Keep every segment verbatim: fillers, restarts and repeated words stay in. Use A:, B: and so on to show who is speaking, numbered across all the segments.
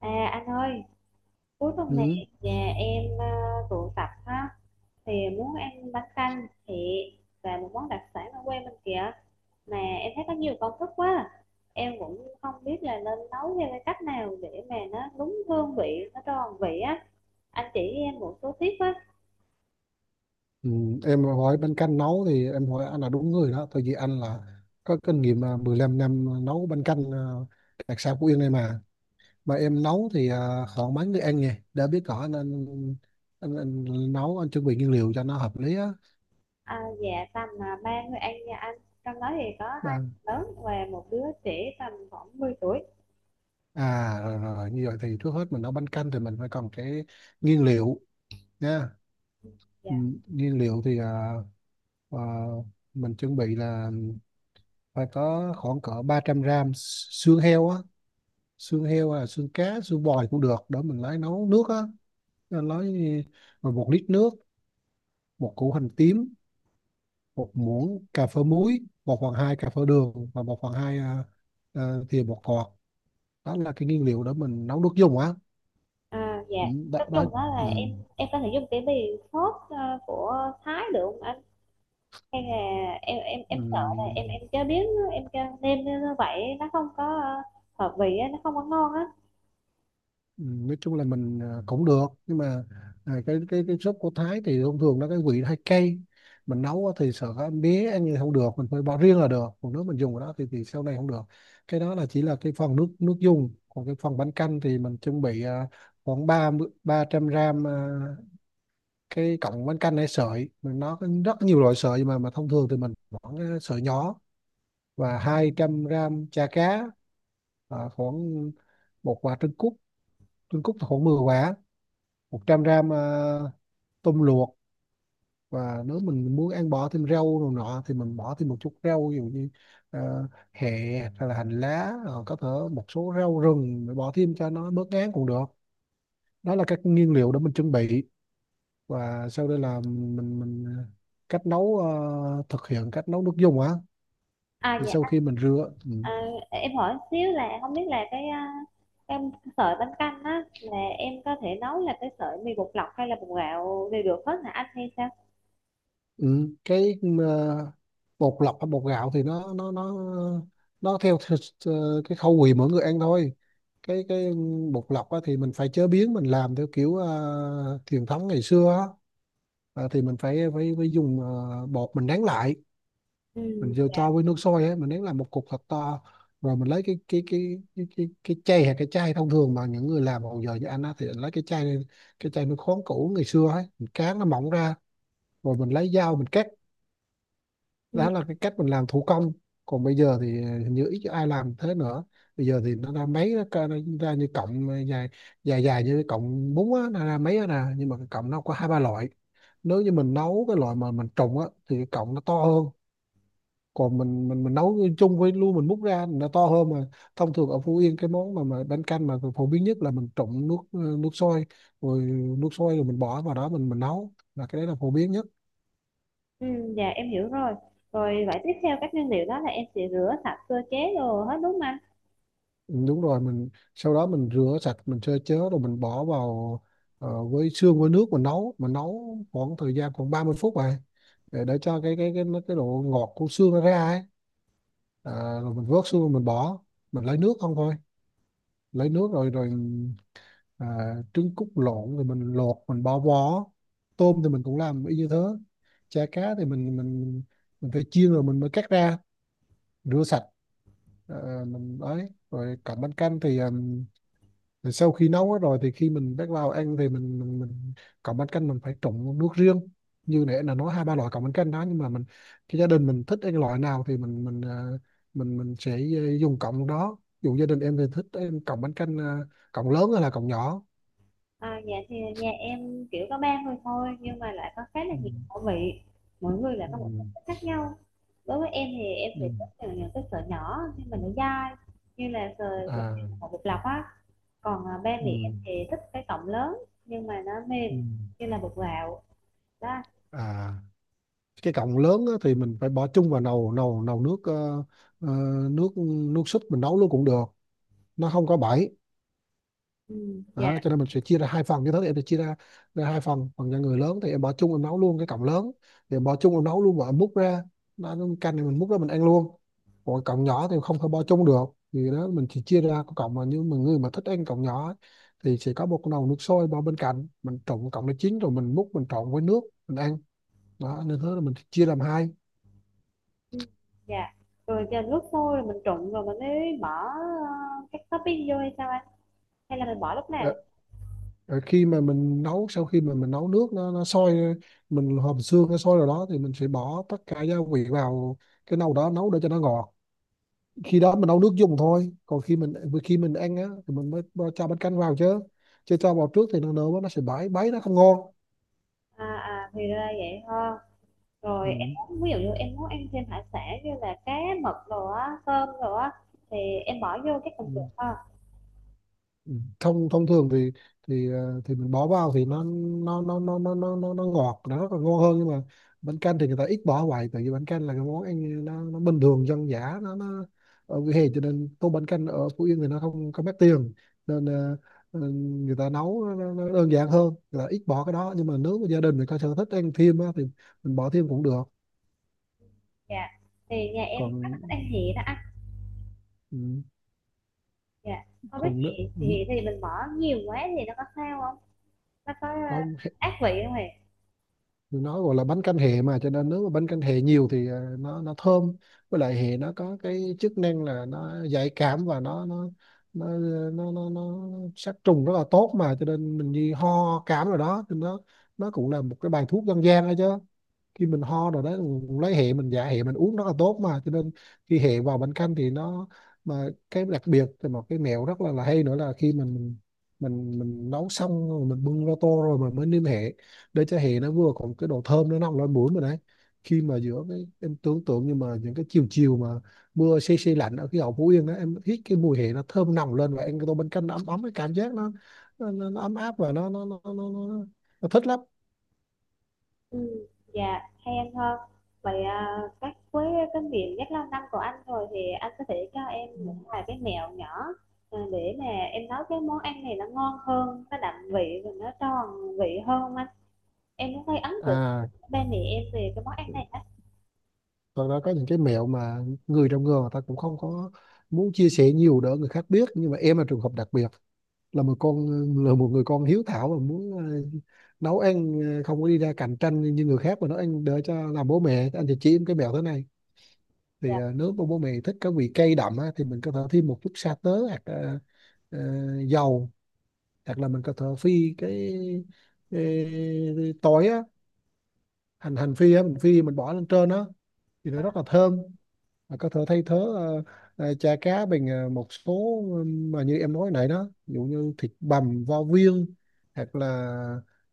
A: À anh ơi, cuối tuần
B: Ừ.
A: này nhà em ờ, tụ tập ha thì muốn ăn bánh canh thịt và một món đặc sản ở quê mình kìa, mà em thấy có nhiều công thức quá. Em cũng không biết là nên nấu theo cái cách nào để mà nó đúng hương vị, nó tròn vị á. Anh chỉ em một số tips á.
B: Ừ. Em hỏi bánh canh nấu thì em hỏi anh là đúng người đó, tại vì anh là có kinh nghiệm à, mười lăm năm nấu bánh canh à, đặc sản Phú Yên này mà mà em nấu thì à, khoảng mấy người ăn nhỉ, đã biết rõ anh anh, anh, anh nấu, anh chuẩn bị nguyên liệu cho nó hợp lý á.
A: À, dạ tầm à, ba người ăn nha anh. Trong đó thì có hai
B: Đang-
A: đứa lớn và một đứa trẻ tầm khoảng mười tuổi.
B: à rồi, rồi như vậy thì trước hết mình nấu bánh canh thì mình phải cần cái nguyên liệu nha. Ừ.
A: Dạ.
B: Nguyên liệu thì à, à, mình chuẩn bị là phải có khoảng cỡ ba trăm gram xương heo á, xương heo hay là xương cá xương bò cũng được đó, mình lấy nấu nước á. Nên lấy rồi một lít nước, một củ hành tím, một muỗng cà phê muối, một phần hai cà phê đường, và một phần hai à, à, thìa bột ngọt. Đó là cái nguyên liệu để mình nấu nước dùng á.
A: À, dạ
B: Ừ, đó,
A: nói
B: đó.
A: chung đó là em
B: Ừ.
A: em có thể dùng cái bì sốt ờ, của Thái được không anh, hay là em em
B: Ừ.
A: em sợ là em em chế biến em cho nêm như vậy nó không có ờ, hợp vị á, nó không có ngon á.
B: Ừ, nói chung là mình à, cũng được, nhưng mà à, cái cái cái súp của Thái thì thông thường nó cái vị nó hay cay, mình nấu á thì sợ các em bé ăn như không được, mình phải bỏ riêng là được, còn nếu mình dùng cái đó thì thì sau này không được. Cái đó là chỉ là cái phần nước nước dùng, còn cái phần bánh canh thì mình chuẩn bị à, khoảng ba ba trăm gram à, cái cọng bánh canh hay sợi, mình nó có rất nhiều loại sợi, mà mà thông thường thì mình bỏ cái sợi nhỏ, và hai trăm gram chả cá, à, khoảng một quả trứng cút, trứng cút thì khoảng mười quả, một trăm gram ờ, tôm luộc. Và nếu mình muốn ăn bỏ thêm rau rồi nọ thì mình bỏ thêm một chút rau, ví dụ như ờ, hẹ hay là hành lá, ờ, có thể một số rau rừng để bỏ thêm cho nó bớt ngán cũng được. Đó là các nguyên liệu để mình chuẩn bị. Và sau đây là mình mình cách nấu, ờ, thực hiện cách nấu nước dùng á.
A: À,
B: Thì sau
A: dạ,
B: khi mình rửa, ừ.
A: à, em hỏi xíu là không biết là cái ờ, em sợi bánh canh á là em có thể nấu là cái sợi mì bột lọc hay là bột gạo đều được hết hả anh, hay sao?
B: Ừ, cái ờ, bột lọc hay bột gạo thì nó nó nó nó theo, theo, cái khẩu vị mỗi người ăn thôi. Cái cái bột lọc á, thì mình phải chế biến, mình làm theo kiểu ờ, truyền thống ngày xưa á. Ờ, thì mình phải phải, phải dùng ờ, bột, mình nén lại,
A: Ừ,
B: mình vô cho với nước sôi á, mình nén làm một cục thật to, rồi mình lấy cái cái cái cái cái, cái chai, hay cái chai thông thường mà những người làm hồi giờ như anh á thì lấy cái chai này, cái chai nước khoáng cũ ngày xưa ấy, mình cán nó mỏng ra, rồi mình lấy dao mình cắt.
A: ừ,
B: Đó là cái cách mình làm thủ công, còn bây giờ thì hình như ít ai làm thế nữa. Bây giờ thì nó ra máy, nó ca- nó ra như cọng dài, dài dài như cái cọng bún á, nó ra máy á nè, nhưng mà cái cọng nó có hai ba loại. Nếu như mình nấu cái loại mà mình trụng á thì cái cọng nó to hơn, còn mình mình mình nấu chung với luôn mình múc ra nó to hơn. Mà thông thường ở Phú Yên cái món mà mà bánh canh mà phổ biến nhất là mình trụng nước, nước sôi, rồi nước sôi rồi mình bỏ vào đó mình mình nấu, là cái đấy là phổ biến nhất.
A: ừ. Dạ em hiểu rồi. Rồi vậy tiếp theo các nguyên liệu đó là em sẽ rửa sạch sơ chế đồ hết, đúng không anh?
B: Đúng rồi, mình sau đó mình rửa sạch, mình sơ chế rồi mình bỏ vào, ờ, với xương với nước mình nấu, mình nấu khoảng thời gian khoảng ba mươi phút này, để, để cho cái cái cái cái độ ngọt của xương nó ra ấy. À, rồi mình vớt xương rồi mình bỏ, mình lấy nước không thôi, lấy nước rồi rồi à, trứng cút lộn rồi mình lột mình bỏ vỏ. Tôm thì mình cũng làm y như thế. Chả cá thì mình mình mình phải chiên rồi mình mới cắt ra, rửa sạch. Ờ, mình ấy rồi cặp bánh canh thì ờ, rồi sau khi nấu hết rồi thì khi mình bắt vào ăn thì mình mình, mình cọng bánh canh mình phải trộn nước riêng, như nãy là nói hai ba loại cọng bánh canh đó, nhưng mà mình, cái gia đình mình thích ăn loại nào thì mình mình ờ, mình mình sẽ ờ, dùng cọng đó. Ví dụ gia đình em thì thích em cộng bánh canh, ờ, cộng lớn hay là cọng nhỏ.
A: À, dạ thì nhà em kiểu có ba người thôi, nhưng mà lại có khá là
B: Ừ.
A: nhiều khẩu vị, mỗi người lại
B: Ừ.
A: có một sở thích khác nhau. Đối với em thì em
B: Ừ.
A: sẽ thích những những cái sợi nhỏ nhưng mà nó dai, như là sợi sợi
B: À.
A: của bột lọc á. Còn à, ba mẹ em
B: Ừ.
A: thì thích cái cọng lớn nhưng mà nó mềm,
B: Ừ.
A: như là bột gạo đó.
B: À cái cọng lớn á, thì mình phải bỏ chung vào nồi nồi nồi nước, ờ, ờ, nước, nước súp mình nấu luôn cũng được, nó không có bẫy.
A: Ừ, dạ.
B: Đó, cho nên mình sẽ chia ra hai phần, như thế thì em sẽ chia ra, ra hai phần, phần cho người lớn thì em bỏ chung em nấu luôn cái cọng lớn, thì em bỏ chung em nấu luôn và em múc ra, nó nó canh thì mình múc ra mình ăn luôn. Còn cọng nhỏ thì không thể bỏ chung được, thì đó mình chỉ chia ra cái cọng mà như mà người mà thích ăn cọng nhỏ ấy, thì sẽ có một cái nồi nước sôi bỏ bên cạnh, mình trộn cọng nó chín rồi mình múc mình trộn với nước mình ăn. Đó nên thế là mình chia làm hai.
A: Ừ, dạ, rồi chờ lúc sôi rồi mình trụng rồi mình mới bỏ ờ, các topping vô hay sao anh, hay là mình bỏ lúc
B: Ờ,
A: nào?
B: rồi khi mà mình nấu, sau khi mà mình nấu nước nó nó sôi, mình hầm xương nó sôi rồi đó thì mình sẽ bỏ tất cả gia vị vào cái nồi đó nấu để cho nó ngọt. Khi đó mình nấu nước dùng thôi, còn khi mình, khi mình ăn á thì mình mới bo- cho bánh canh vào chứ, chứ cho vào trước thì nó nở quá, nó sẽ bãi bấy nó không ngon.
A: À, à thì ra vậy ha.
B: Ừ.
A: Rồi em muốn, ví dụ như em muốn ăn thêm hải sản như là cá, mực rồi á, cơm rồi á, thì em bỏ vô cái phần
B: Ừ.
A: được ha.
B: Ừ, thông thông thường thì thì ờ, thì mình bỏ vào thì nó nó nó nó nó nó nó, nó ngọt, nó còn ngon hơn. Nhưng mà bánh canh thì người ta ít bỏ hoài, tại vì bánh canh là cái món ăn nó, nó bình thường dân dã, nó nó ở vỉa hè, cho nên tô bánh canh ở Phú Yên thì nó không không mất tiền. Nên ờ, ờ, người ta nấu nó, nó nó đơn giản hơn, người ta ít bỏ cái đó, nhưng mà nếu mà gia đình mình có sở thích ăn thêm á, thì mình bỏ thêm cũng được.
A: Dạ. Thì nhà em
B: Còn
A: có thích ăn hẹ đó anh.
B: ừ,
A: Dạ. Không biết
B: còn nữa
A: hẹ
B: ừ,
A: thì thì mình bỏ nhiều quá thì nó có sao không? Nó có ờ,
B: không,
A: ác vị không hề?
B: nó gọi là bánh canh hẹ mà, cho nên nếu mà bánh canh hẹ nhiều thì à, nó nó thơm. Với lại hẹ nó có cái chức năng là nó giải cảm, và nó nó nó nó nó, nó sát trùng rất là tốt mà, cho nên mình như ho cảm rồi đó, thì nó nó cũng là một cái bài thuốc dân gian đó chứ. Khi mình ho rồi đấy, lấy hệ mình, dạ hệ mình uống rất là tốt mà, cho nên khi hệ vào bánh canh thì nó, mà cái đặc biệt thì một cái mẹo rất là, là hay nữa là khi mình mình mình mình nấu xong rồi, mình bưng ra tô rồi mình mới nêm hệ, để cho hệ nó vừa còn cái độ thơm nó nồng lên mũi mình đấy. Khi mà giữa cái em tưởng tượng như mà những cái chiều chiều mà mưa se se lạnh ở cái hậu Phú Yên đó, em hít cái mùi hệ nó thơm nồng lên và ăn cái tô bánh canh nó ấm, ấm cái cảm giác nó nó, nó, nó ấm áp, và nó nó, nó nó nó nó thích lắm.
A: Ừ. Dạ, hay ăn hơn. Vậy à, các với cái miệng rất lâu năm của anh rồi thì anh có thể cho em một vài cái mẹo nhỏ ờ, để mà em nấu cái món ăn này nó ngon hơn, nó đậm vị và nó tròn vị hơn không anh? Em cũng thấy ấn tượng
B: À
A: ba mẹ em về cái món ăn này á.
B: thật ra có những cái mẹo mà người trong nghề người ta cũng không có muốn chia sẻ nhiều, đỡ người khác biết, nhưng mà em là trường hợp đặc biệt, là một con là một người con hiếu thảo, và muốn ờ, nấu ăn, ờ, không có đi ra cạnh tranh như người khác, mà nấu ăn để cho làm bố mẹ. Anh thì chỉ em cái mẹo thế này, thì
A: Dạ.
B: ờ, nếu mà bố mẹ thích cái vị cay đậm á, thì mình có thể thêm một chút sa tớ, hoặc ờ, ờ, dầu, hoặc là mình có thể phi cái, cái, cái tỏi á, hành, hành phi á, mình phi mình bỏ lên trên á thì nó rất là thơm. Mà có thể thay thế ờ, ờ, chả cá bằng ờ, một số, ờ, mà như em nói nãy đó, ví dụ như thịt bằm vo viên, hoặc là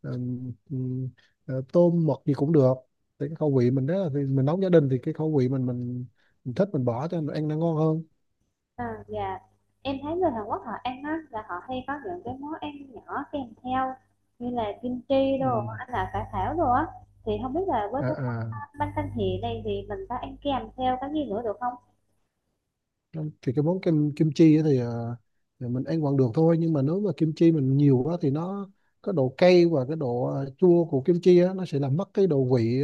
B: ừm, ừm, ờ, tôm mực gì cũng được, thì cái khẩu vị mình đó là thì mình nấu gia đình thì cái khẩu vị mình mình, mình thích mình bỏ cho mình ăn nó ngon hơn.
A: À, dạ em thấy người Hàn Quốc họ ăn á là họ hay có những cái món ăn nhỏ kèm theo như là kim chi, đồ
B: Ừm.
A: anh, là cải thảo đồ á, thì không biết là với
B: À,
A: cái món
B: à.
A: bánh canh hì này thì mình có ăn kèm theo cái gì nữa được không?
B: Thì cái món kim kim chi á thì, ờ, thì mình ăn vẫn được thôi, nhưng mà nếu mà kim chi mình nhiều quá thì nó, cái độ cay và cái độ ờ, chua của kim chi á nó sẽ làm mất cái độ vị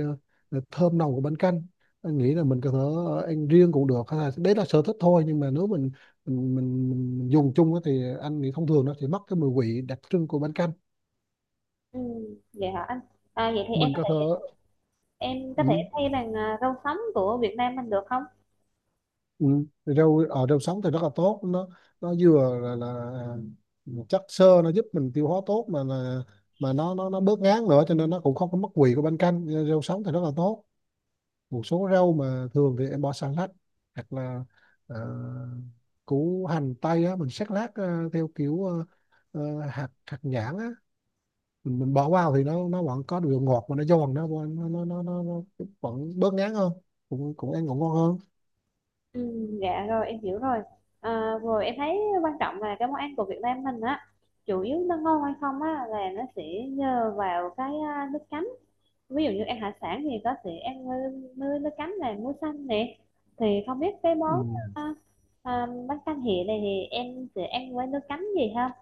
B: ờ, thơm nồng của bánh canh. Anh nghĩ là mình có thể ờ, ăn riêng cũng được, hay là đấy là sở thích thôi, nhưng mà nếu mình mình mình, mình, mình dùng chung á thì anh nghĩ thông thường nó sẽ mất cái mùi vị đặc trưng của bánh canh.
A: Ừ, vậy hả anh? À, vậy thì em
B: Mình có thể.
A: em có thể
B: Ừ.
A: thay bằng à, rau sống của Việt Nam mình được không?
B: Ừ. Thì rau ở rau sống thì rất là tốt, nó nó vừa là, là chất xơ nó giúp mình tiêu hóa tốt, mà là mà nó nó nó bớt ngán nữa, cho nên nó cũng không có mất vị của bánh canh. Ờ, rau sống thì rất là tốt. Một số rau mà thường thì em bỏ salad, hoặc là ờ, củ hành tây á mình sắc lát ờ, theo kiểu ờ, ờ, hạt hạt nhãn á, mình, mình bỏ vào thì nó nó vẫn có độ ngọt, mà nó giòn, nó nó nó nó, nó, nó vẫn bớt ngán hơn, cũng cũng ăn cũng ngon hơn.
A: Ừ, dạ rồi em hiểu rồi. À, rồi em thấy quan trọng là cái món ăn của Việt Nam mình á, chủ yếu nó ngon hay không á là nó sẽ nhờ vào cái à, nước chấm. Ví dụ như ăn hải sản thì có thể ăn nơi nước chấm là muối xanh nè, thì không biết cái
B: Ừ.
A: món à, à, bánh canh hẹ này thì em sẽ ăn với nước chấm gì ha?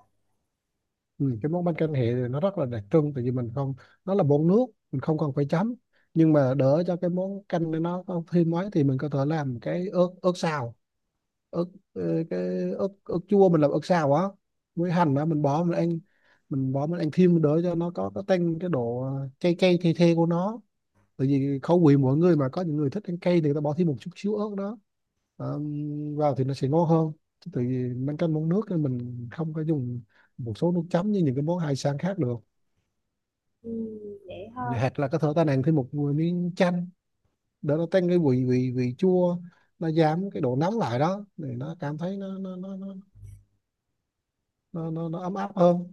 B: Ừ, cái món bánh canh hẹ thì nó rất là đặc trưng, tại vì mình không, nó là bột nước, mình không cần phải chấm. Nhưng mà đỡ cho cái món canh này nó không thêm mấy thì mình có thể làm cái ớt ớt xào, ớt, ờ, cái ớt ớt chua mình làm ớt xào á, với hành đó mình bỏ mình ăn, mình bỏ mình ăn thêm đỡ cho nó có cái tăng cái độ ờ, cay cay the the của nó. Tại vì khẩu vị mỗi người, mà có những người thích ăn cay thì người ta bỏ thêm một chút xíu ớt đó. Ờ, vào thì nó sẽ ngon hơn. Chứ tại vì bánh canh món nước thì mình không có dùng một số nước chấm như những cái món hải sản khác được.
A: Ừ, vậy ha.
B: Hoặc là có thể ta nàng thêm một miếng chanh để nó tăng cái vị vị vị chua, nó giảm cái độ nóng lại đó, thì nó cảm thấy nó nó nó nó nó, nó, nó ấm áp hơn.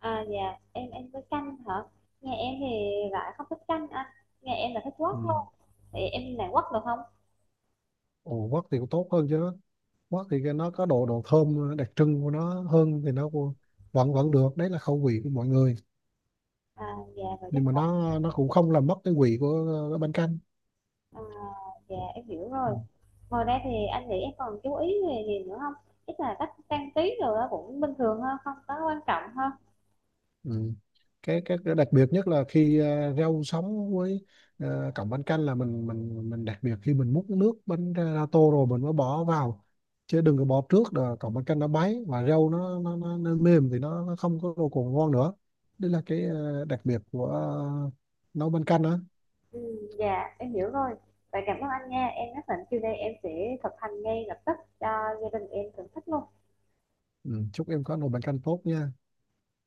A: À, dạ em ăn với canh hả? Nghe em thì lại không thích canh anh, nghe em là thích quất
B: Ừ.
A: hơn, thì em làm quất được không?
B: Ồ, quất thì cũng tốt hơn chứ. Quất thì cái nó có độ độ thơm đặc trưng của nó hơn, thì nó cũng vẫn vẫn được, đấy là khẩu vị của mọi người.
A: À, dạ rồi chắc.
B: Nhưng mà nó nó cũng không làm mất cái vị của ờ, bánh canh.
A: À, dạ em hiểu
B: Ừ.
A: rồi. Ngoài ra thì anh nghĩ em còn chú ý về gì nữa không? Chắc là cách trang trí rồi đó cũng bình thường thôi, không có quan trọng hơn.
B: Ừ. Cái, cái cái đặc biệt nhất là khi ờ, rau sống với ờ, cọng bánh canh là mình mình mình đặc biệt khi mình múc nước bánh ra, ra tô rồi mình mới bỏ vào, chứ đừng có bỏ trước là cọng bánh canh nó báy và rau nó nó, nó, nó mềm, thì nó, nó không có đồ còn ngon nữa. Đây là cái ờ, đặc biệt của ờ, nấu bánh canh đó.
A: Ừ, dạ em hiểu rồi. Vậy cảm ơn anh nha. Em nhất định chiều nay em sẽ thực hành ngay lập tức cho gia đình em thưởng thức luôn.
B: Ừ. Chúc em có nồi bánh canh tốt nha.